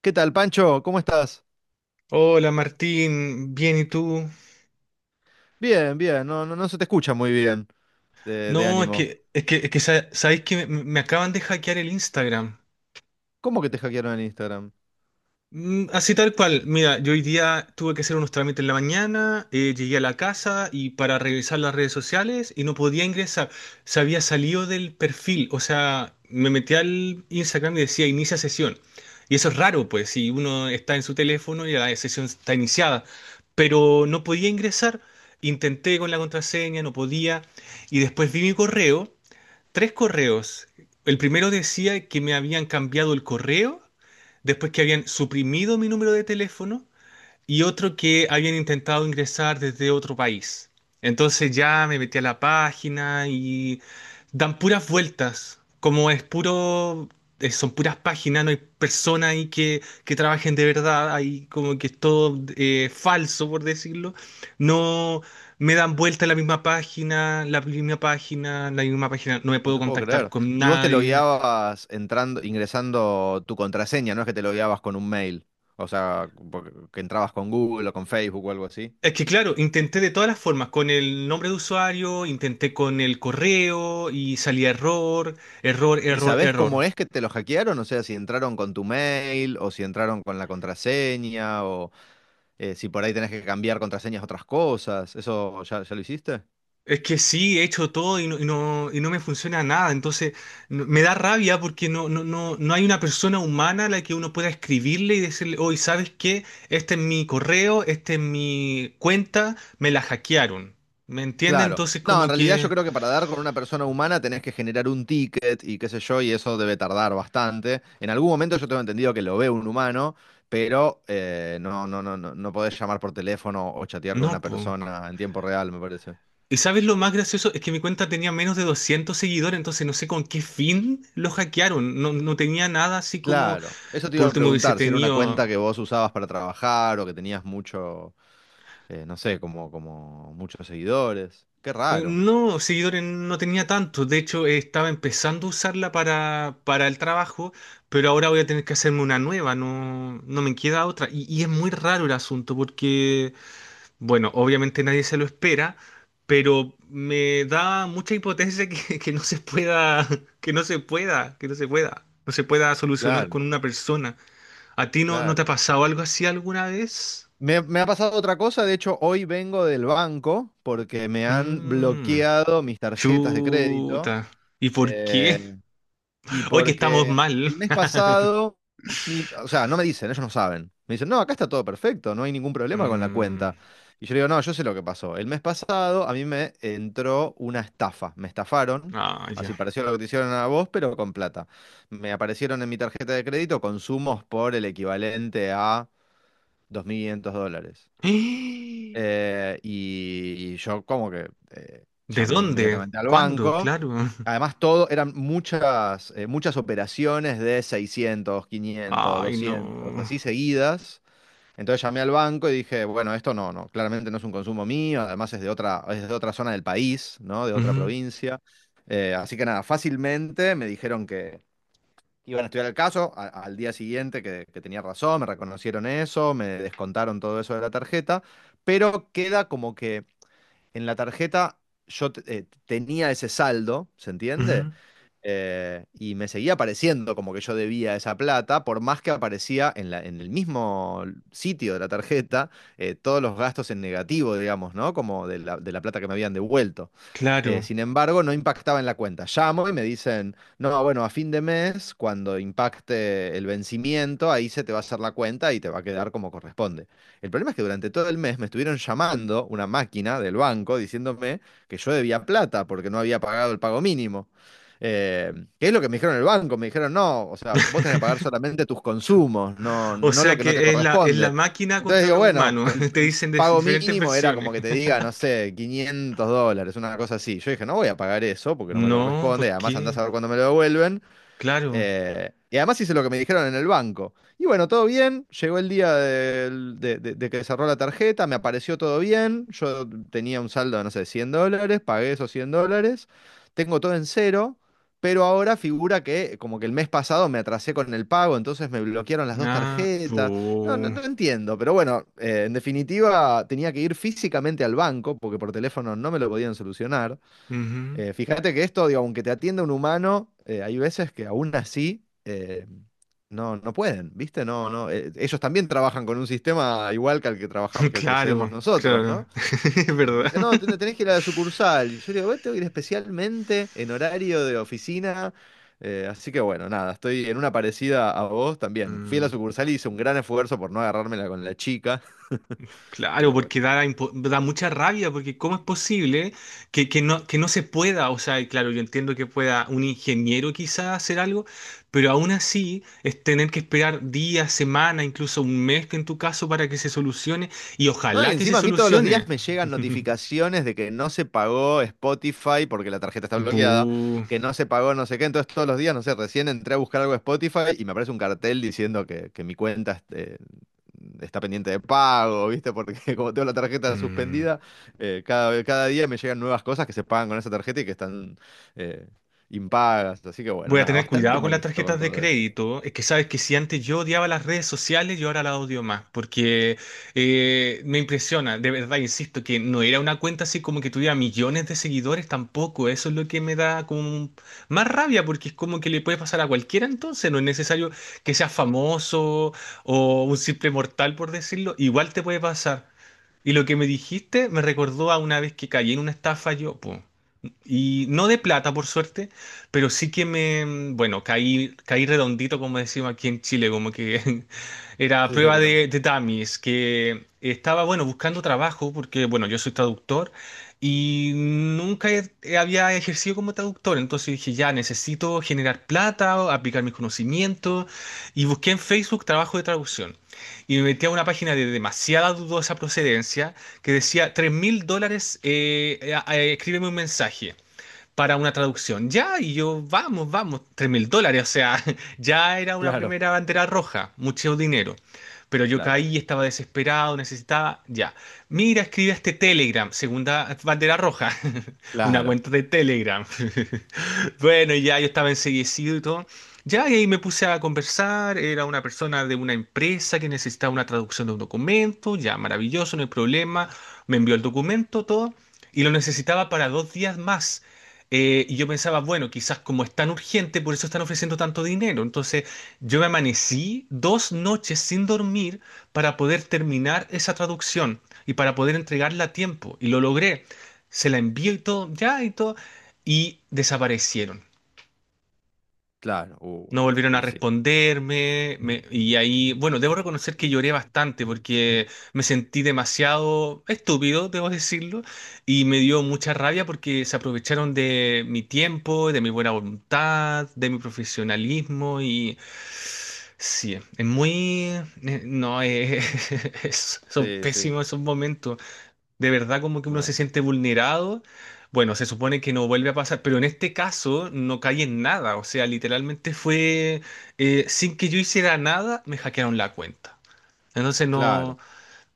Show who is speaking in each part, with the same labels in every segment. Speaker 1: ¿Qué tal, Pancho? ¿Cómo estás?
Speaker 2: Hola Martín, bien, ¿y tú?
Speaker 1: Bien, bien, no, no, no se te escucha muy bien de
Speaker 2: No,
Speaker 1: ánimo.
Speaker 2: sabéis que me acaban de hackear el Instagram.
Speaker 1: ¿Cómo que te hackearon en Instagram?
Speaker 2: Mm, así tal cual. Mira, yo hoy día tuve que hacer unos trámites en la mañana, llegué a la casa y para revisar las redes sociales y no podía ingresar. Se había salido del perfil, o sea, me metí al Instagram y decía inicia sesión. Y eso es raro, pues, si uno está en su teléfono y la sesión está iniciada. Pero no podía ingresar. Intenté con la contraseña, no podía. Y después vi mi correo, tres correos. El primero decía que me habían cambiado el correo, después que habían suprimido mi número de teléfono y otro que habían intentado ingresar desde otro país. Entonces ya me metí a la página y dan puras vueltas, como es puro, son puras páginas, no hay personas ahí que trabajen de verdad, ahí como que es todo falso, por decirlo. No me dan vuelta la misma página, la misma página, la misma página, no me
Speaker 1: No
Speaker 2: puedo
Speaker 1: te puedo
Speaker 2: contactar
Speaker 1: creer.
Speaker 2: con
Speaker 1: Y vos te
Speaker 2: nadie.
Speaker 1: logueabas entrando, ingresando tu contraseña, no es que te logueabas con un mail, o sea, que entrabas con Google o con Facebook o algo así.
Speaker 2: Es que claro, intenté de todas las formas, con el nombre de usuario, intenté con el correo y salía error, error,
Speaker 1: ¿Y
Speaker 2: error,
Speaker 1: sabés cómo
Speaker 2: error.
Speaker 1: es que te lo hackearon? O sea, si entraron con tu mail o si entraron con la contraseña o si por ahí tenés que cambiar contraseñas a otras cosas. ¿Eso ya, ya lo hiciste?
Speaker 2: Es que sí, he hecho todo y no, y no, y no me funciona nada, entonces me da rabia porque no, no, no, no hay una persona humana a la que uno pueda escribirle y decirle, hoy ¿sabes qué? Este es mi correo, este es mi cuenta, me la hackearon. ¿Me entiende?
Speaker 1: Claro.
Speaker 2: Entonces
Speaker 1: No, en
Speaker 2: como
Speaker 1: realidad yo
Speaker 2: que...
Speaker 1: creo que para dar con una persona humana tenés que generar un ticket y qué sé yo, y eso debe tardar bastante. En algún momento yo tengo entendido que lo ve un humano, pero no podés llamar por teléfono o chatear con una
Speaker 2: No, pues.
Speaker 1: persona en tiempo real, me parece.
Speaker 2: ¿Y sabes lo más gracioso? Es que mi cuenta tenía menos de 200 seguidores, entonces no sé con qué fin lo hackearon. No, no tenía nada así como,
Speaker 1: Claro. Eso te
Speaker 2: por
Speaker 1: iba a
Speaker 2: último, hubiese
Speaker 1: preguntar, si era una
Speaker 2: tenido...
Speaker 1: cuenta que vos usabas para trabajar o que tenías mucho, no sé, como, como muchos seguidores. Qué raro.
Speaker 2: No, seguidores no tenía tanto. De hecho, estaba empezando a usarla para el trabajo, pero ahora voy a tener que hacerme una nueva. No, no me queda otra. Y es muy raro el asunto porque... Bueno, obviamente nadie se lo espera, pero me da mucha impotencia que, que no se pueda, que no se pueda, que no se pueda, no se pueda solucionar
Speaker 1: Claro,
Speaker 2: con una persona. ¿A ti no te ha
Speaker 1: claro.
Speaker 2: pasado algo así alguna vez?
Speaker 1: Me ha pasado otra cosa, de hecho hoy vengo del banco porque me han
Speaker 2: Mmm,
Speaker 1: bloqueado mis tarjetas de crédito
Speaker 2: chuta. ¿Y por qué?
Speaker 1: eh, y
Speaker 2: Hoy que estamos
Speaker 1: porque
Speaker 2: mal.
Speaker 1: el mes pasado, o sea, no me dicen, ellos no saben. Me dicen, no, acá está todo perfecto, no hay ningún problema con la
Speaker 2: Mm,
Speaker 1: cuenta. Y yo le digo, no, yo sé lo que pasó. El mes pasado a mí me entró una estafa, me estafaron,
Speaker 2: ah, ya.
Speaker 1: así pareció lo que te hicieron a vos, pero con plata. Me aparecieron en mi tarjeta de crédito consumos por el equivalente a 2.500 dólares.
Speaker 2: ¡Eh!
Speaker 1: Y, yo como que
Speaker 2: ¿De
Speaker 1: llamé
Speaker 2: dónde?
Speaker 1: inmediatamente al
Speaker 2: ¿Cuándo?
Speaker 1: banco.
Speaker 2: Claro.
Speaker 1: Además, todo eran muchas, muchas operaciones de seiscientos quinientos
Speaker 2: Ay,
Speaker 1: doscientos
Speaker 2: no.
Speaker 1: así seguidas. Entonces llamé al banco y dije, bueno, esto no, no, claramente no es un consumo mío, además es de otra zona del país, ¿no? De otra
Speaker 2: Ujú,
Speaker 1: provincia. Así que nada, fácilmente me dijeron que iban a estudiar el caso al día siguiente que tenía razón, me reconocieron eso, me descontaron todo eso de la tarjeta, pero queda como que en la tarjeta tenía ese saldo, ¿se entiende?
Speaker 2: ujú,
Speaker 1: Y me seguía apareciendo como que yo debía esa plata, por más que aparecía en la, en el mismo sitio de la tarjeta todos los gastos en negativo, digamos, ¿no? Como de la plata que me habían devuelto.
Speaker 2: claro.
Speaker 1: Sin embargo, no impactaba en la cuenta. Llamo y me dicen, no, bueno, a fin de mes, cuando impacte el vencimiento, ahí se te va a hacer la cuenta y te va a quedar como corresponde. El problema es que durante todo el mes me estuvieron llamando una máquina del banco diciéndome que yo debía plata porque no había pagado el pago mínimo. Eh, que es lo que me dijeron en el banco, me dijeron, no, o sea, vos tenés que pagar solamente tus consumos, no,
Speaker 2: O
Speaker 1: no lo
Speaker 2: sea
Speaker 1: que no te
Speaker 2: que es la
Speaker 1: corresponde.
Speaker 2: máquina
Speaker 1: Entonces
Speaker 2: contra
Speaker 1: digo,
Speaker 2: los
Speaker 1: bueno,
Speaker 2: humanos. Te
Speaker 1: el
Speaker 2: dicen de
Speaker 1: pago
Speaker 2: diferentes
Speaker 1: mínimo era
Speaker 2: versiones.
Speaker 1: como que te diga, no sé, 500 dólares, una cosa así. Yo dije, no voy a pagar eso porque no me
Speaker 2: No,
Speaker 1: corresponde,
Speaker 2: ¿por
Speaker 1: además andás
Speaker 2: qué?
Speaker 1: a ver cuándo me lo devuelven.
Speaker 2: Claro.
Speaker 1: Y además hice lo que me dijeron en el banco. Y bueno, todo bien. Llegó el día de que cerró la tarjeta, me apareció todo bien. Yo tenía un saldo de, no sé, 100 dólares, pagué esos 100 dólares. Tengo todo en cero, pero ahora figura que como que el mes pasado me atrasé con el pago, entonces me bloquearon las dos
Speaker 2: Ah,
Speaker 1: tarjetas. No, no,
Speaker 2: bu.
Speaker 1: no entiendo, pero bueno, en definitiva tenía que ir físicamente al banco porque por teléfono no me lo podían solucionar.
Speaker 2: Ujú.
Speaker 1: Fíjate que esto, digo, aunque te atienda un humano, hay veces que aún así no, no pueden, ¿viste? No, no, ellos también trabajan con un sistema igual que al que trabajamos, que al que accedemos
Speaker 2: Claro,
Speaker 1: nosotros,
Speaker 2: claro.
Speaker 1: ¿no?
Speaker 2: Es
Speaker 1: Y me
Speaker 2: verdad.
Speaker 1: dicen, no, tenés que ir a la sucursal. Y yo digo, "Bueno, tengo que ir especialmente en horario de oficina. Así que bueno, nada, estoy en una parecida a vos también. Fui a la
Speaker 2: Mm.
Speaker 1: sucursal y hice un gran esfuerzo por no agarrármela con la chica,
Speaker 2: Claro,
Speaker 1: pero
Speaker 2: porque
Speaker 1: bueno.
Speaker 2: da, da mucha rabia, porque ¿cómo es posible que no se pueda? O sea, y claro, yo entiendo que pueda un ingeniero quizás hacer algo, pero aún así es tener que esperar días, semanas, incluso un mes que en tu caso para que se solucione, y
Speaker 1: No, y
Speaker 2: ojalá que se
Speaker 1: encima a mí todos los días
Speaker 2: solucione.
Speaker 1: me llegan notificaciones de que no se pagó Spotify porque la tarjeta está bloqueada,
Speaker 2: Bu.
Speaker 1: que no se pagó no sé qué. Entonces todos los días, no sé, recién entré a buscar algo de Spotify y me aparece un cartel diciendo que mi cuenta este, está pendiente de pago, ¿viste? Porque como tengo la tarjeta
Speaker 2: Mm.
Speaker 1: suspendida, cada, cada día me llegan nuevas cosas que se pagan con esa tarjeta y que están eh, impagas. Así que bueno,
Speaker 2: Voy a
Speaker 1: nada,
Speaker 2: tener
Speaker 1: bastante
Speaker 2: cuidado con las
Speaker 1: molesto con
Speaker 2: tarjetas de
Speaker 1: todo eso.
Speaker 2: crédito. Es que sabes que si antes yo odiaba las redes sociales, yo ahora las odio más, porque me impresiona, de verdad, insisto, que no era una cuenta así como que tuviera millones de seguidores tampoco. Eso es lo que me da como más rabia, porque es como que le puede pasar a cualquiera entonces. No es necesario que seas famoso o un simple mortal, por decirlo. Igual te puede pasar. Y lo que me dijiste me recordó a una vez que caí en una estafa yo, po. Y no de plata, por suerte, pero sí que me, bueno, caí, caí redondito, como decimos aquí en Chile, como que era
Speaker 1: Sí, sí,
Speaker 2: prueba
Speaker 1: acá también.
Speaker 2: de dummies, que estaba, bueno, buscando trabajo, porque, bueno, yo soy traductor y nunca había ejercido como traductor, entonces dije, ya, necesito generar plata, aplicar mis conocimientos, y busqué en Facebook trabajo de traducción. Y me metí a una página de demasiada dudosa procedencia que decía, $3.000, escríbeme un mensaje para una traducción. Ya, y yo, vamos, vamos, $3.000, o sea, ya era una
Speaker 1: Claro,
Speaker 2: primera bandera roja, mucho dinero. Pero yo
Speaker 1: claro,
Speaker 2: caí, estaba desesperado, necesitaba, ya. Mira, escribe este Telegram, segunda bandera roja, una
Speaker 1: claro,
Speaker 2: cuenta de Telegram. Bueno, y ya yo estaba enseguecido y todo. Ya, y ahí me puse a conversar. Era una persona de una empresa que necesitaba una traducción de un documento. Ya, maravilloso, no hay problema. Me envió el documento, todo. Y lo necesitaba para 2 días más. Y yo pensaba, bueno, quizás como es tan urgente, por eso están ofreciendo tanto dinero. Entonces, yo me amanecí 2 noches sin dormir para poder terminar esa traducción y para poder entregarla a tiempo. Y lo logré. Se la envío y todo, ya y todo. Y desaparecieron.
Speaker 1: claro.
Speaker 2: No volvieron a
Speaker 1: Y sí.
Speaker 2: responderme, y ahí, bueno, debo reconocer que lloré bastante porque me sentí demasiado estúpido, debo decirlo, y me dio mucha rabia porque se aprovecharon de mi tiempo, de mi buena voluntad, de mi profesionalismo, y sí, es muy... no, son
Speaker 1: Sí, sí.
Speaker 2: pésimos esos momentos. De verdad como que uno se
Speaker 1: Claro.
Speaker 2: siente vulnerado. Bueno, se supone que no vuelve a pasar, pero en este caso no caí en nada. O sea, literalmente fue sin que yo hiciera nada, me hackearon la cuenta. Entonces
Speaker 1: Claro.
Speaker 2: no,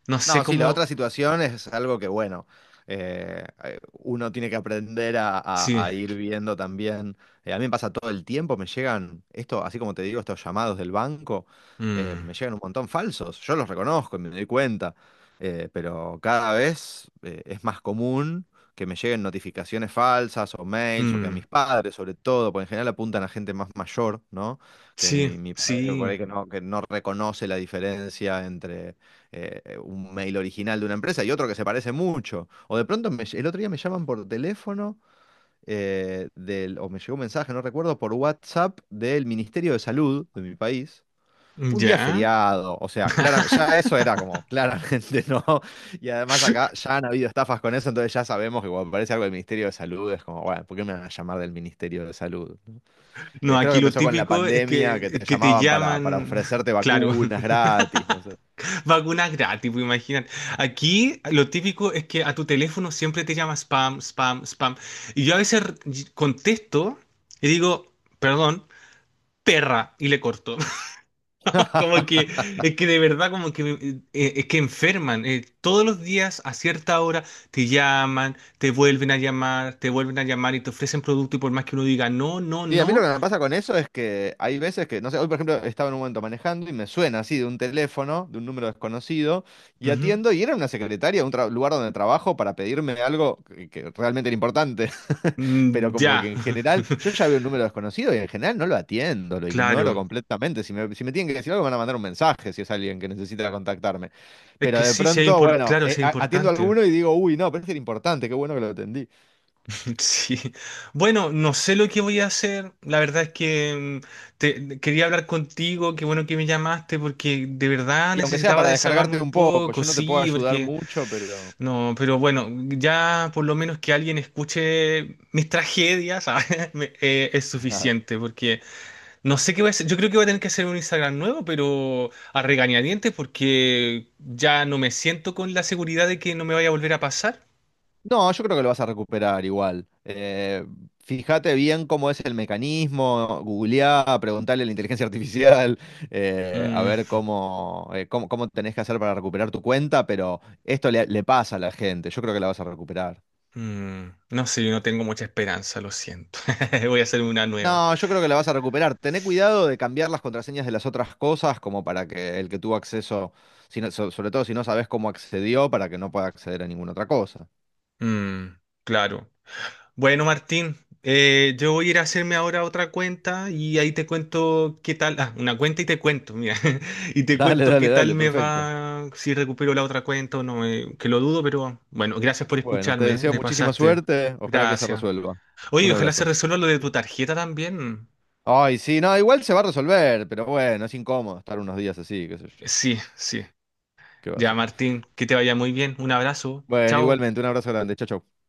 Speaker 2: no sé
Speaker 1: No, sí, la
Speaker 2: cómo.
Speaker 1: otra situación es algo que, bueno, uno tiene que aprender a,
Speaker 2: Sí.
Speaker 1: a ir viendo también. A mí me pasa todo el tiempo, me llegan, esto, así como te digo, estos llamados del banco,
Speaker 2: Mm,
Speaker 1: me llegan un montón falsos. Yo los reconozco y me doy cuenta, pero cada vez es más común que me lleguen notificaciones falsas o mails o que a
Speaker 2: mm,
Speaker 1: mis padres, sobre todo, porque en general apuntan a gente más mayor, ¿no? Que
Speaker 2: sí,
Speaker 1: mi padre por
Speaker 2: sí.
Speaker 1: ahí que no reconoce la diferencia entre un mail original de una empresa y otro que se parece mucho. O de pronto el otro día me llaman por teléfono o me llegó un mensaje, no recuerdo, por WhatsApp del Ministerio de Salud de mi país. Un día
Speaker 2: Ya.
Speaker 1: feriado, o sea, claramente, ya eso era como claramente no. Y además acá ya han habido estafas con eso, entonces ya sabemos que cuando aparece algo del Ministerio de Salud es como, bueno, ¿por qué me van a llamar del Ministerio de Salud?
Speaker 2: No,
Speaker 1: Creo que
Speaker 2: aquí lo
Speaker 1: empezó con la
Speaker 2: típico es
Speaker 1: pandemia, que te
Speaker 2: que te
Speaker 1: llamaban para
Speaker 2: llaman,
Speaker 1: ofrecerte
Speaker 2: claro.
Speaker 1: vacunas gratis, no sé.
Speaker 2: Vacunas gratis, pues imaginan. Aquí lo típico es que a tu teléfono siempre te llama spam, spam, spam. Y yo a veces contesto y digo, perdón, perra, y le corto. Como que, es que de verdad, como que, es que enferman. Todos los días a cierta hora te llaman, te vuelven a llamar, te vuelven a llamar y te ofrecen producto y por más que uno diga no, no,
Speaker 1: Sí, a mí lo
Speaker 2: no.
Speaker 1: que me pasa con eso es que hay veces que, no sé, hoy por ejemplo estaba en un momento manejando y me suena así de un teléfono, de un número desconocido, y
Speaker 2: Ujú,
Speaker 1: atiendo y era una secretaria, un lugar donde trabajo para pedirme algo que realmente era importante. Pero
Speaker 2: mm,
Speaker 1: como
Speaker 2: ya.
Speaker 1: que en general, yo ya veo un número desconocido y en general no lo atiendo, lo ignoro
Speaker 2: Claro.
Speaker 1: completamente. Si me, si me tienen que decir algo, me van a mandar un mensaje si es alguien que necesita contactarme.
Speaker 2: Es
Speaker 1: Pero
Speaker 2: que
Speaker 1: de
Speaker 2: sí, sí es
Speaker 1: pronto, bueno,
Speaker 2: claro, sí es
Speaker 1: atiendo a
Speaker 2: importante.
Speaker 1: alguno y digo, uy, no, parece que era importante, qué bueno que lo atendí.
Speaker 2: Sí. Bueno, no sé lo que voy a hacer. La verdad es que mm, quería hablar contigo. Qué bueno que me llamaste porque de verdad
Speaker 1: Y aunque sea
Speaker 2: necesitaba
Speaker 1: para
Speaker 2: desahogarme
Speaker 1: descargarte
Speaker 2: un
Speaker 1: un poco,
Speaker 2: poco.
Speaker 1: yo no te puedo
Speaker 2: Sí,
Speaker 1: ayudar
Speaker 2: porque
Speaker 1: mucho, pero...
Speaker 2: no, pero bueno, ya por lo menos que alguien escuche mis tragedias, ¿sabes? Es suficiente porque no sé qué voy a hacer. Yo creo que voy a tener que hacer un Instagram nuevo, pero a regañadientes porque ya no me siento con la seguridad de que no me vaya a volver a pasar.
Speaker 1: No, yo creo que lo vas a recuperar igual. Fíjate bien cómo es el mecanismo, googleá, preguntale a la inteligencia artificial, a
Speaker 2: Mm,
Speaker 1: ver cómo, cómo, cómo tenés que hacer para recuperar tu cuenta, pero esto le, le pasa a la gente, yo creo que la vas a recuperar.
Speaker 2: mm, no sé, yo no tengo mucha esperanza, lo siento. Voy a hacerme una nueva.
Speaker 1: No, yo creo que la vas a recuperar. Tené cuidado de cambiar las contraseñas de las otras cosas como para que el que tuvo acceso, sobre todo si no sabes cómo accedió, para que no pueda acceder a ninguna otra cosa.
Speaker 2: Mm, claro. Bueno, Martín, yo voy a ir a hacerme ahora otra cuenta y ahí te cuento qué tal. Ah, una cuenta y te cuento, mira. Y te
Speaker 1: Dale,
Speaker 2: cuento qué
Speaker 1: dale,
Speaker 2: tal
Speaker 1: dale,
Speaker 2: me
Speaker 1: perfecto.
Speaker 2: va, si recupero la otra cuenta o no, que lo dudo, pero bueno, gracias por
Speaker 1: Bueno, te
Speaker 2: escucharme,
Speaker 1: deseo
Speaker 2: te
Speaker 1: muchísima
Speaker 2: pasaste.
Speaker 1: suerte, ojalá que se
Speaker 2: Gracias.
Speaker 1: resuelva. Un
Speaker 2: Oye, ojalá se
Speaker 1: abrazo.
Speaker 2: resuelva lo de tu tarjeta también.
Speaker 1: Ay, sí, no, igual se va a resolver, pero bueno, es incómodo estar unos días así, qué sé yo.
Speaker 2: Sí, sí.
Speaker 1: ¿Qué va a
Speaker 2: Ya,
Speaker 1: ser?
Speaker 2: Martín, que te vaya muy bien. Un abrazo.
Speaker 1: Bueno,
Speaker 2: Chao.
Speaker 1: igualmente, un abrazo grande, chao, chau. Chau.